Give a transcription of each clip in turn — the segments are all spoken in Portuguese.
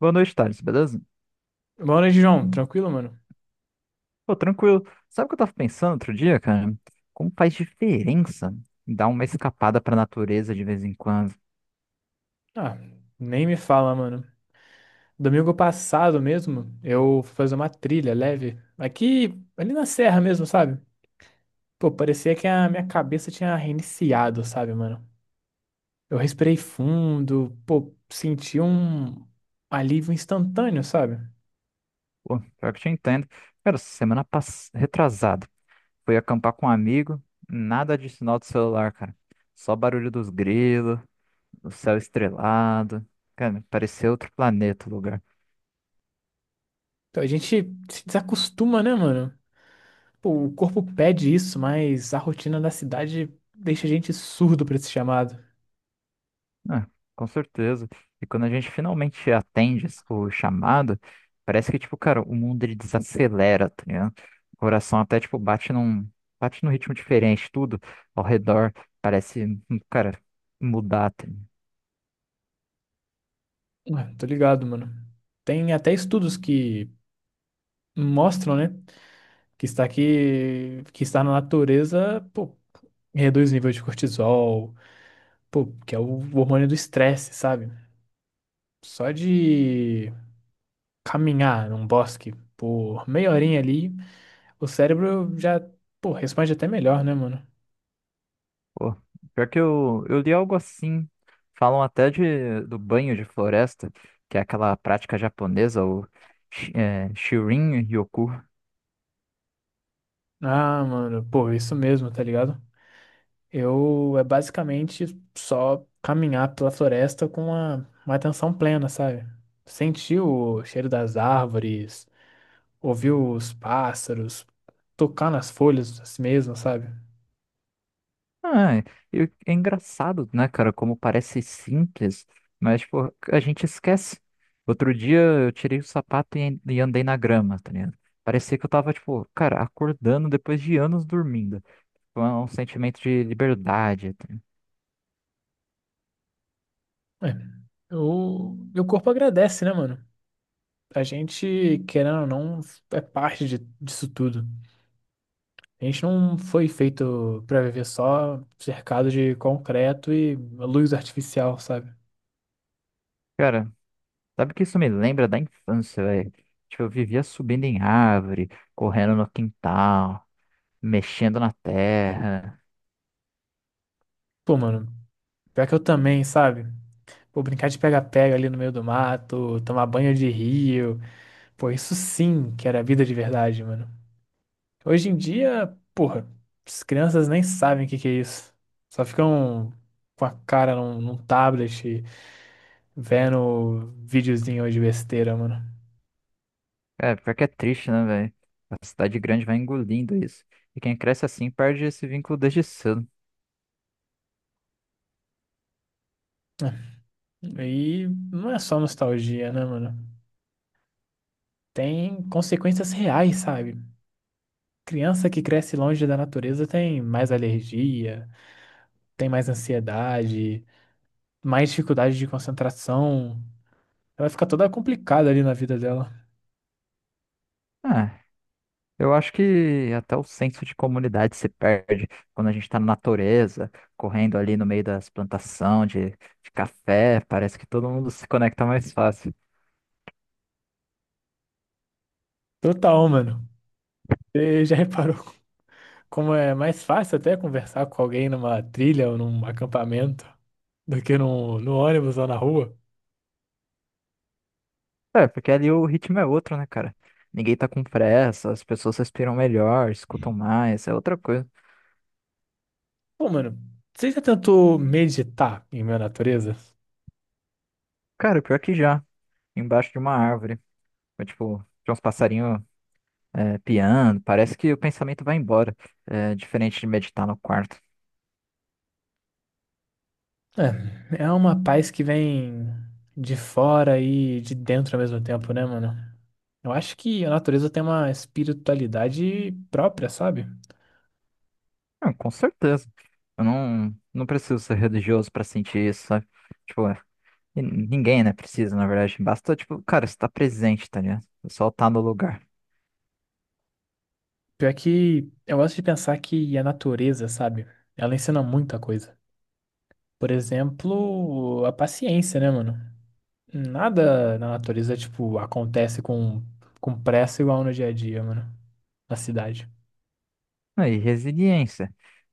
Boa noite, Thales, beleza? Boa noite, João. Tranquilo, mano? Pô, tranquilo. Sabe o que eu tava pensando outro dia, cara? Como faz diferença dar uma escapada pra natureza de vez em quando? Ah, nem me fala, mano. Domingo passado mesmo, eu fui fazer uma trilha leve. Aqui, ali na serra mesmo, sabe? Pô, parecia que a minha cabeça tinha reiniciado, sabe, mano? Eu respirei fundo, pô, senti um alívio instantâneo, sabe? Pô, pior que eu te entendo. Cara, semana passada, retrasado, fui acampar com um amigo, nada de sinal do celular, cara. Só barulho dos grilos, o céu estrelado. Cara, parecia outro planeta o lugar. Então a gente se desacostuma, né, mano? Pô, o corpo pede isso, mas a rotina da cidade deixa a gente surdo pra esse chamado. Ah, com certeza. E quando a gente finalmente atende o chamado, parece que, tipo, cara, o mundo ele desacelera, tá ligado? O coração até, tipo, bate num ritmo diferente, tudo ao redor parece, cara, mudar, tá ligado? Ué, tô ligado, mano. Tem até estudos que mostram, né? Que está aqui, que estar na natureza, pô, reduz o nível de cortisol, pô, que é o hormônio do estresse, sabe? Só de caminhar num bosque por meia horinha ali, o cérebro já, pô, responde até melhor, né, mano? Pô, pior que eu li algo assim, falam até do banho de floresta, que é aquela prática japonesa, o Shirin Ryoku. Ah, mano, pô, isso mesmo, tá ligado? Eu é basicamente só caminhar pela floresta com uma atenção plena, sabe? Sentir o cheiro das árvores, ouvir os pássaros, tocar nas folhas assim mesmo, sabe? Ah, e é engraçado, né, cara, como parece simples, mas, pô, a gente esquece. Outro dia eu tirei o sapato e andei na grama, tá ligado? Parecia que eu tava, tipo, cara, acordando depois de anos dormindo. Foi um sentimento de liberdade, tá ligado? É. O meu corpo agradece, né, mano? A gente, querendo ou não, é parte de- disso tudo. A gente não foi feito pra viver só cercado de concreto e luz artificial, sabe? Cara, sabe que isso me lembra da infância, velho? Tipo, eu vivia subindo em árvore, correndo no quintal, mexendo na terra. Pô, mano, pior que eu também, sabe? Pô, brincar de pega-pega ali no meio do mato, tomar banho de rio. Pô, isso sim que era vida de verdade, mano. Hoje em dia, porra, as crianças nem sabem o que que é isso. Só ficam com a cara num tablet, vendo videozinho de besteira, mano. É, pior que é triste, né, velho? A cidade grande vai engolindo isso. E quem cresce assim perde esse vínculo desde cedo. E não é só nostalgia, né, mano? Tem consequências reais, sabe? Criança que cresce longe da natureza tem mais alergia, tem mais ansiedade, mais dificuldade de concentração. Ela fica toda complicada ali na vida dela. Ah, eu acho que até o senso de comunidade se perde quando a gente tá na natureza, correndo ali no meio das plantações de café. Parece que todo mundo se conecta mais fácil. Total, mano. Você já reparou? Como é mais fácil até conversar com alguém numa trilha ou num acampamento do que no ônibus ou na rua. É, porque ali o ritmo é outro, né, cara? Ninguém tá com pressa, as pessoas respiram melhor, escutam mais, é outra coisa. Pô, mano, você já tentou meditar em minha natureza? Cara, pior que já, embaixo de uma árvore. Foi, tipo, tinha uns passarinhos. É, piano, parece que o pensamento vai embora, é, diferente de meditar no quarto. É, é uma paz que vem de fora e de dentro ao mesmo tempo, né, mano? Eu acho que a natureza tem uma espiritualidade própria, sabe? Ah, com certeza. Eu não, não preciso ser religioso para sentir isso, sabe? Tipo, é, e ninguém, né, precisa, na verdade. Basta, tipo, cara, estar presente, tá ligado? Só estar no lugar. Pior que eu gosto de pensar que a natureza, sabe? Ela ensina muita coisa. Por exemplo, a paciência, né, mano? Nada na natureza, tipo, acontece com pressa igual no dia a dia, mano. Na cidade. Ah, e resiliência.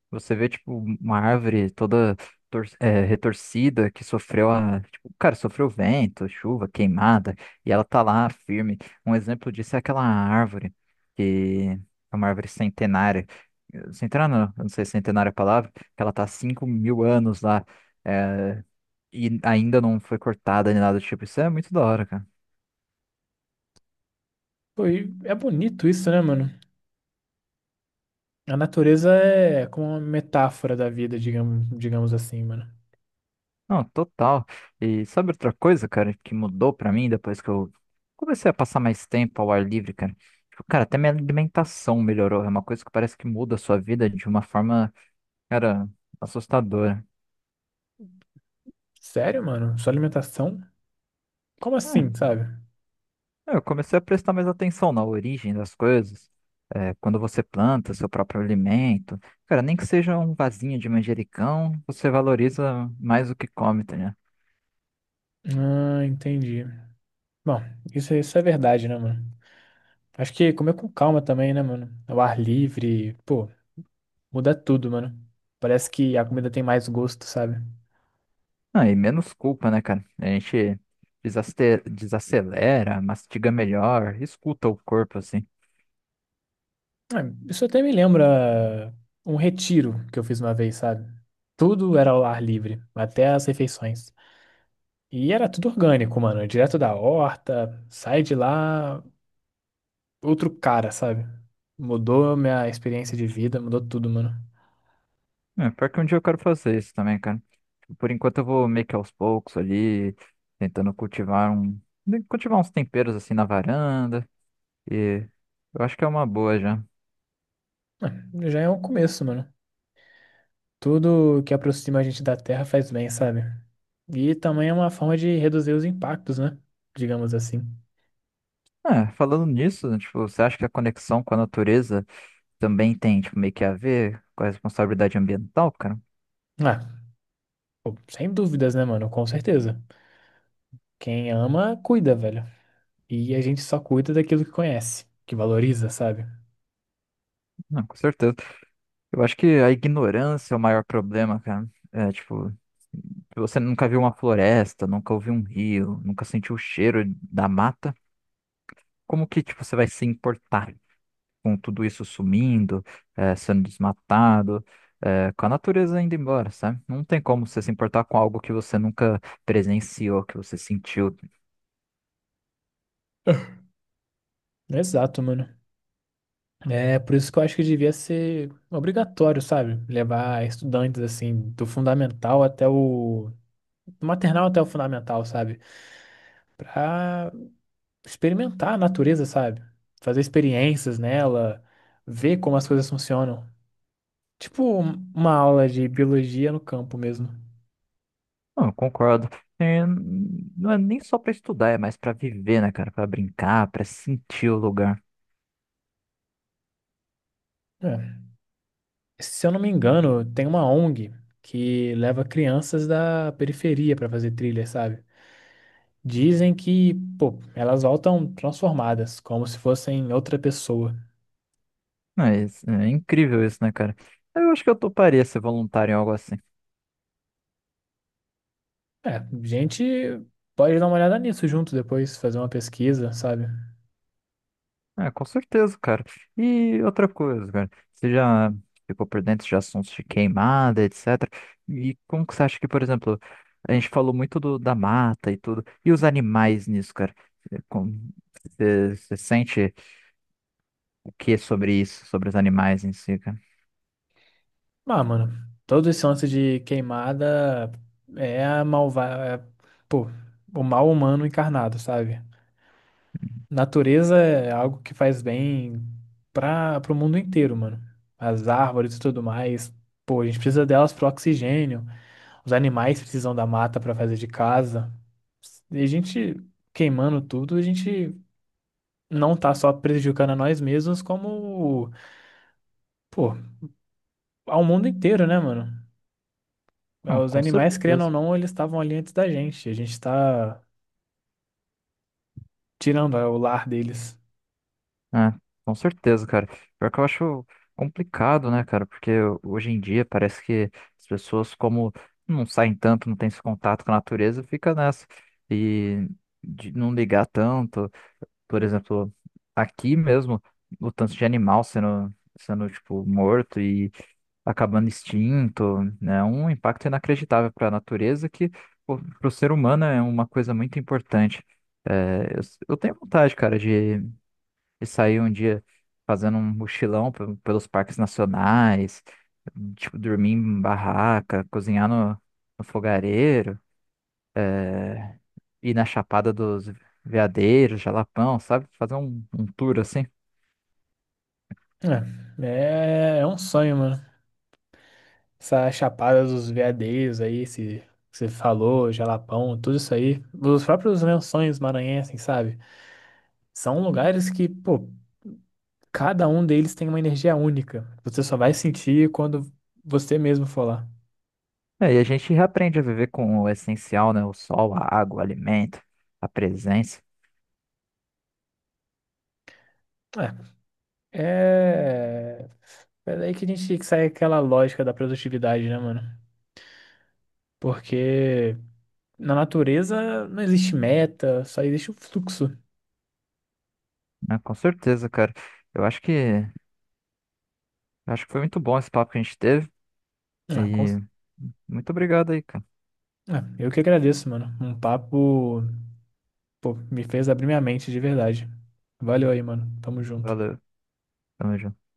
Você vê, tipo, uma árvore toda retorcida, que tipo, cara, sofreu vento, chuva, queimada, e ela tá lá firme. Um exemplo disso é aquela árvore, que é uma árvore centenária. Centenária, não, eu não sei se centenária é a palavra, que ela tá há 5 mil anos lá, é, e ainda não foi cortada nem nada do tipo. Isso é muito da hora, cara. Pô, e é bonito isso, né, mano? A natureza é como uma metáfora da vida, digamos, digamos assim, mano. Não, total. E sabe outra coisa, cara, que mudou pra mim depois que eu comecei a passar mais tempo ao ar livre, cara? Tipo, cara, até minha alimentação melhorou. É uma coisa que parece que muda a sua vida de uma forma, cara, assustadora. Sério, mano? Sua alimentação? Como É, assim, sabe? eu comecei a prestar mais atenção na origem das coisas. É, quando você planta seu próprio alimento, cara, nem que seja um vasinho de manjericão, você valoriza mais o que come, tá. Ah, entendi. Bom, isso é verdade, né, mano? Acho que comer com calma também, né, mano? Ao ar livre, pô, muda tudo, mano. Parece que a comida tem mais gosto, sabe? Ah, e menos culpa, né, cara? A gente desacelera, mastiga melhor, escuta o corpo, assim. Ah, isso até me lembra um retiro que eu fiz uma vez, sabe? Tudo era ao ar livre, até as refeições. E era tudo orgânico, mano. Direto da horta, sai de lá, outro cara, sabe? Mudou minha experiência de vida, mudou tudo, mano. É, pior que um dia eu quero fazer isso também, cara. Por enquanto eu vou meio que aos poucos ali, tentando cultivar uns temperos, assim, na varanda. E eu acho que é uma boa já. Ah, já é um começo, mano. Tudo que aproxima a gente da terra faz bem, sabe? E também é uma forma de reduzir os impactos, né? Digamos assim. É, falando nisso, né, tipo, você acha que a conexão com a natureza também tem, tipo, meio que a ver com a responsabilidade ambiental, cara? Ah, pô, sem dúvidas, né, mano? Com certeza. Quem ama, cuida, velho. E a gente só cuida daquilo que conhece, que valoriza, sabe? Não, com certeza. Eu acho que a ignorância é o maior problema, cara. É, tipo... Você nunca viu uma floresta, nunca ouviu um rio, nunca sentiu o cheiro da mata. Como que, tipo, você vai se importar com tudo isso sumindo, sendo desmatado, com a natureza indo embora, sabe? Não tem como você se importar com algo que você nunca presenciou, que você sentiu. Exato, mano. É por isso que eu acho que devia ser obrigatório, sabe? Levar estudantes, assim, do fundamental até o... do maternal até o fundamental, sabe? Pra experimentar a natureza, sabe? Fazer experiências nela, ver como as coisas funcionam. Tipo um- uma aula de biologia no campo mesmo. Não, eu concordo. É, não é nem só para estudar, é mais para viver, né, cara? Para brincar, para sentir o lugar. É. Se eu não me engano, tem uma ONG que leva crianças da periferia para fazer trilha, sabe? Dizem que, pô, elas voltam transformadas, como se fossem outra pessoa. Não, é, é incrível isso, né, cara? Eu acho que eu toparia ser voluntário em algo assim. É, a gente pode dar uma olhada nisso junto depois, fazer uma pesquisa, sabe? É, com certeza, cara. E outra coisa, cara, você já ficou por dentro de assuntos de queimada, etc. E como que você acha que, por exemplo, a gente falou muito da mata e tudo, e os animais nisso, cara? É. Você sente o que sobre isso, sobre os animais em si, cara? Ah, mano, todo esse lance de queimada é a malva... é, pô, o mal humano encarnado, sabe? Natureza é algo que faz bem para o mundo inteiro, mano. As árvores e tudo mais. Pô, a gente precisa delas para oxigênio. Os animais precisam da mata para fazer de casa. E a gente queimando tudo, a gente não tá só prejudicando a nós mesmos, como, pô, ao mundo inteiro, né, mano? Não, Os com animais, querendo ou certeza. não, eles estavam ali antes da gente. A gente tá tirando é, o lar deles. É, com certeza, cara. Pior que eu acho complicado, né, cara? Porque hoje em dia parece que as pessoas, como não saem tanto, não têm esse contato com a natureza, fica nessa. E de não ligar tanto. Por exemplo, aqui mesmo, o tanto de animal sendo tipo, morto e acabando extinto, né? Um impacto inacreditável para a natureza que, para o ser humano, é uma coisa muito importante. É, eu tenho vontade, cara, de e sair um dia fazendo um mochilão pelos parques nacionais, tipo, dormir em barraca, cozinhar no fogareiro, ir na Chapada dos Veadeiros, Jalapão, sabe? Fazer um tour assim. É, é é um sonho, mano. Essa Chapada dos Veadeiros aí, esse que você falou, Jalapão, tudo isso aí. Os próprios Lençóis Maranhenses, sabe? São lugares que, pô, cada um deles tem uma energia única. Você só vai sentir quando você mesmo for lá. É, e a gente aprende a viver com o essencial, né? O sol, a água, o alimento, a presença, É. É. É daí que a gente sai aquela lógica da produtividade, né, mano? Porque na natureza não existe meta, só existe o fluxo. né? Com certeza, cara. Eu acho que foi muito bom esse papo que a gente teve. Ah, com... E muito obrigado aí, cara. ah, eu que agradeço, mano. Um papo pô, me fez abrir minha mente de verdade. Valeu aí, mano. Tamo junto. Valeu. Tamo junto.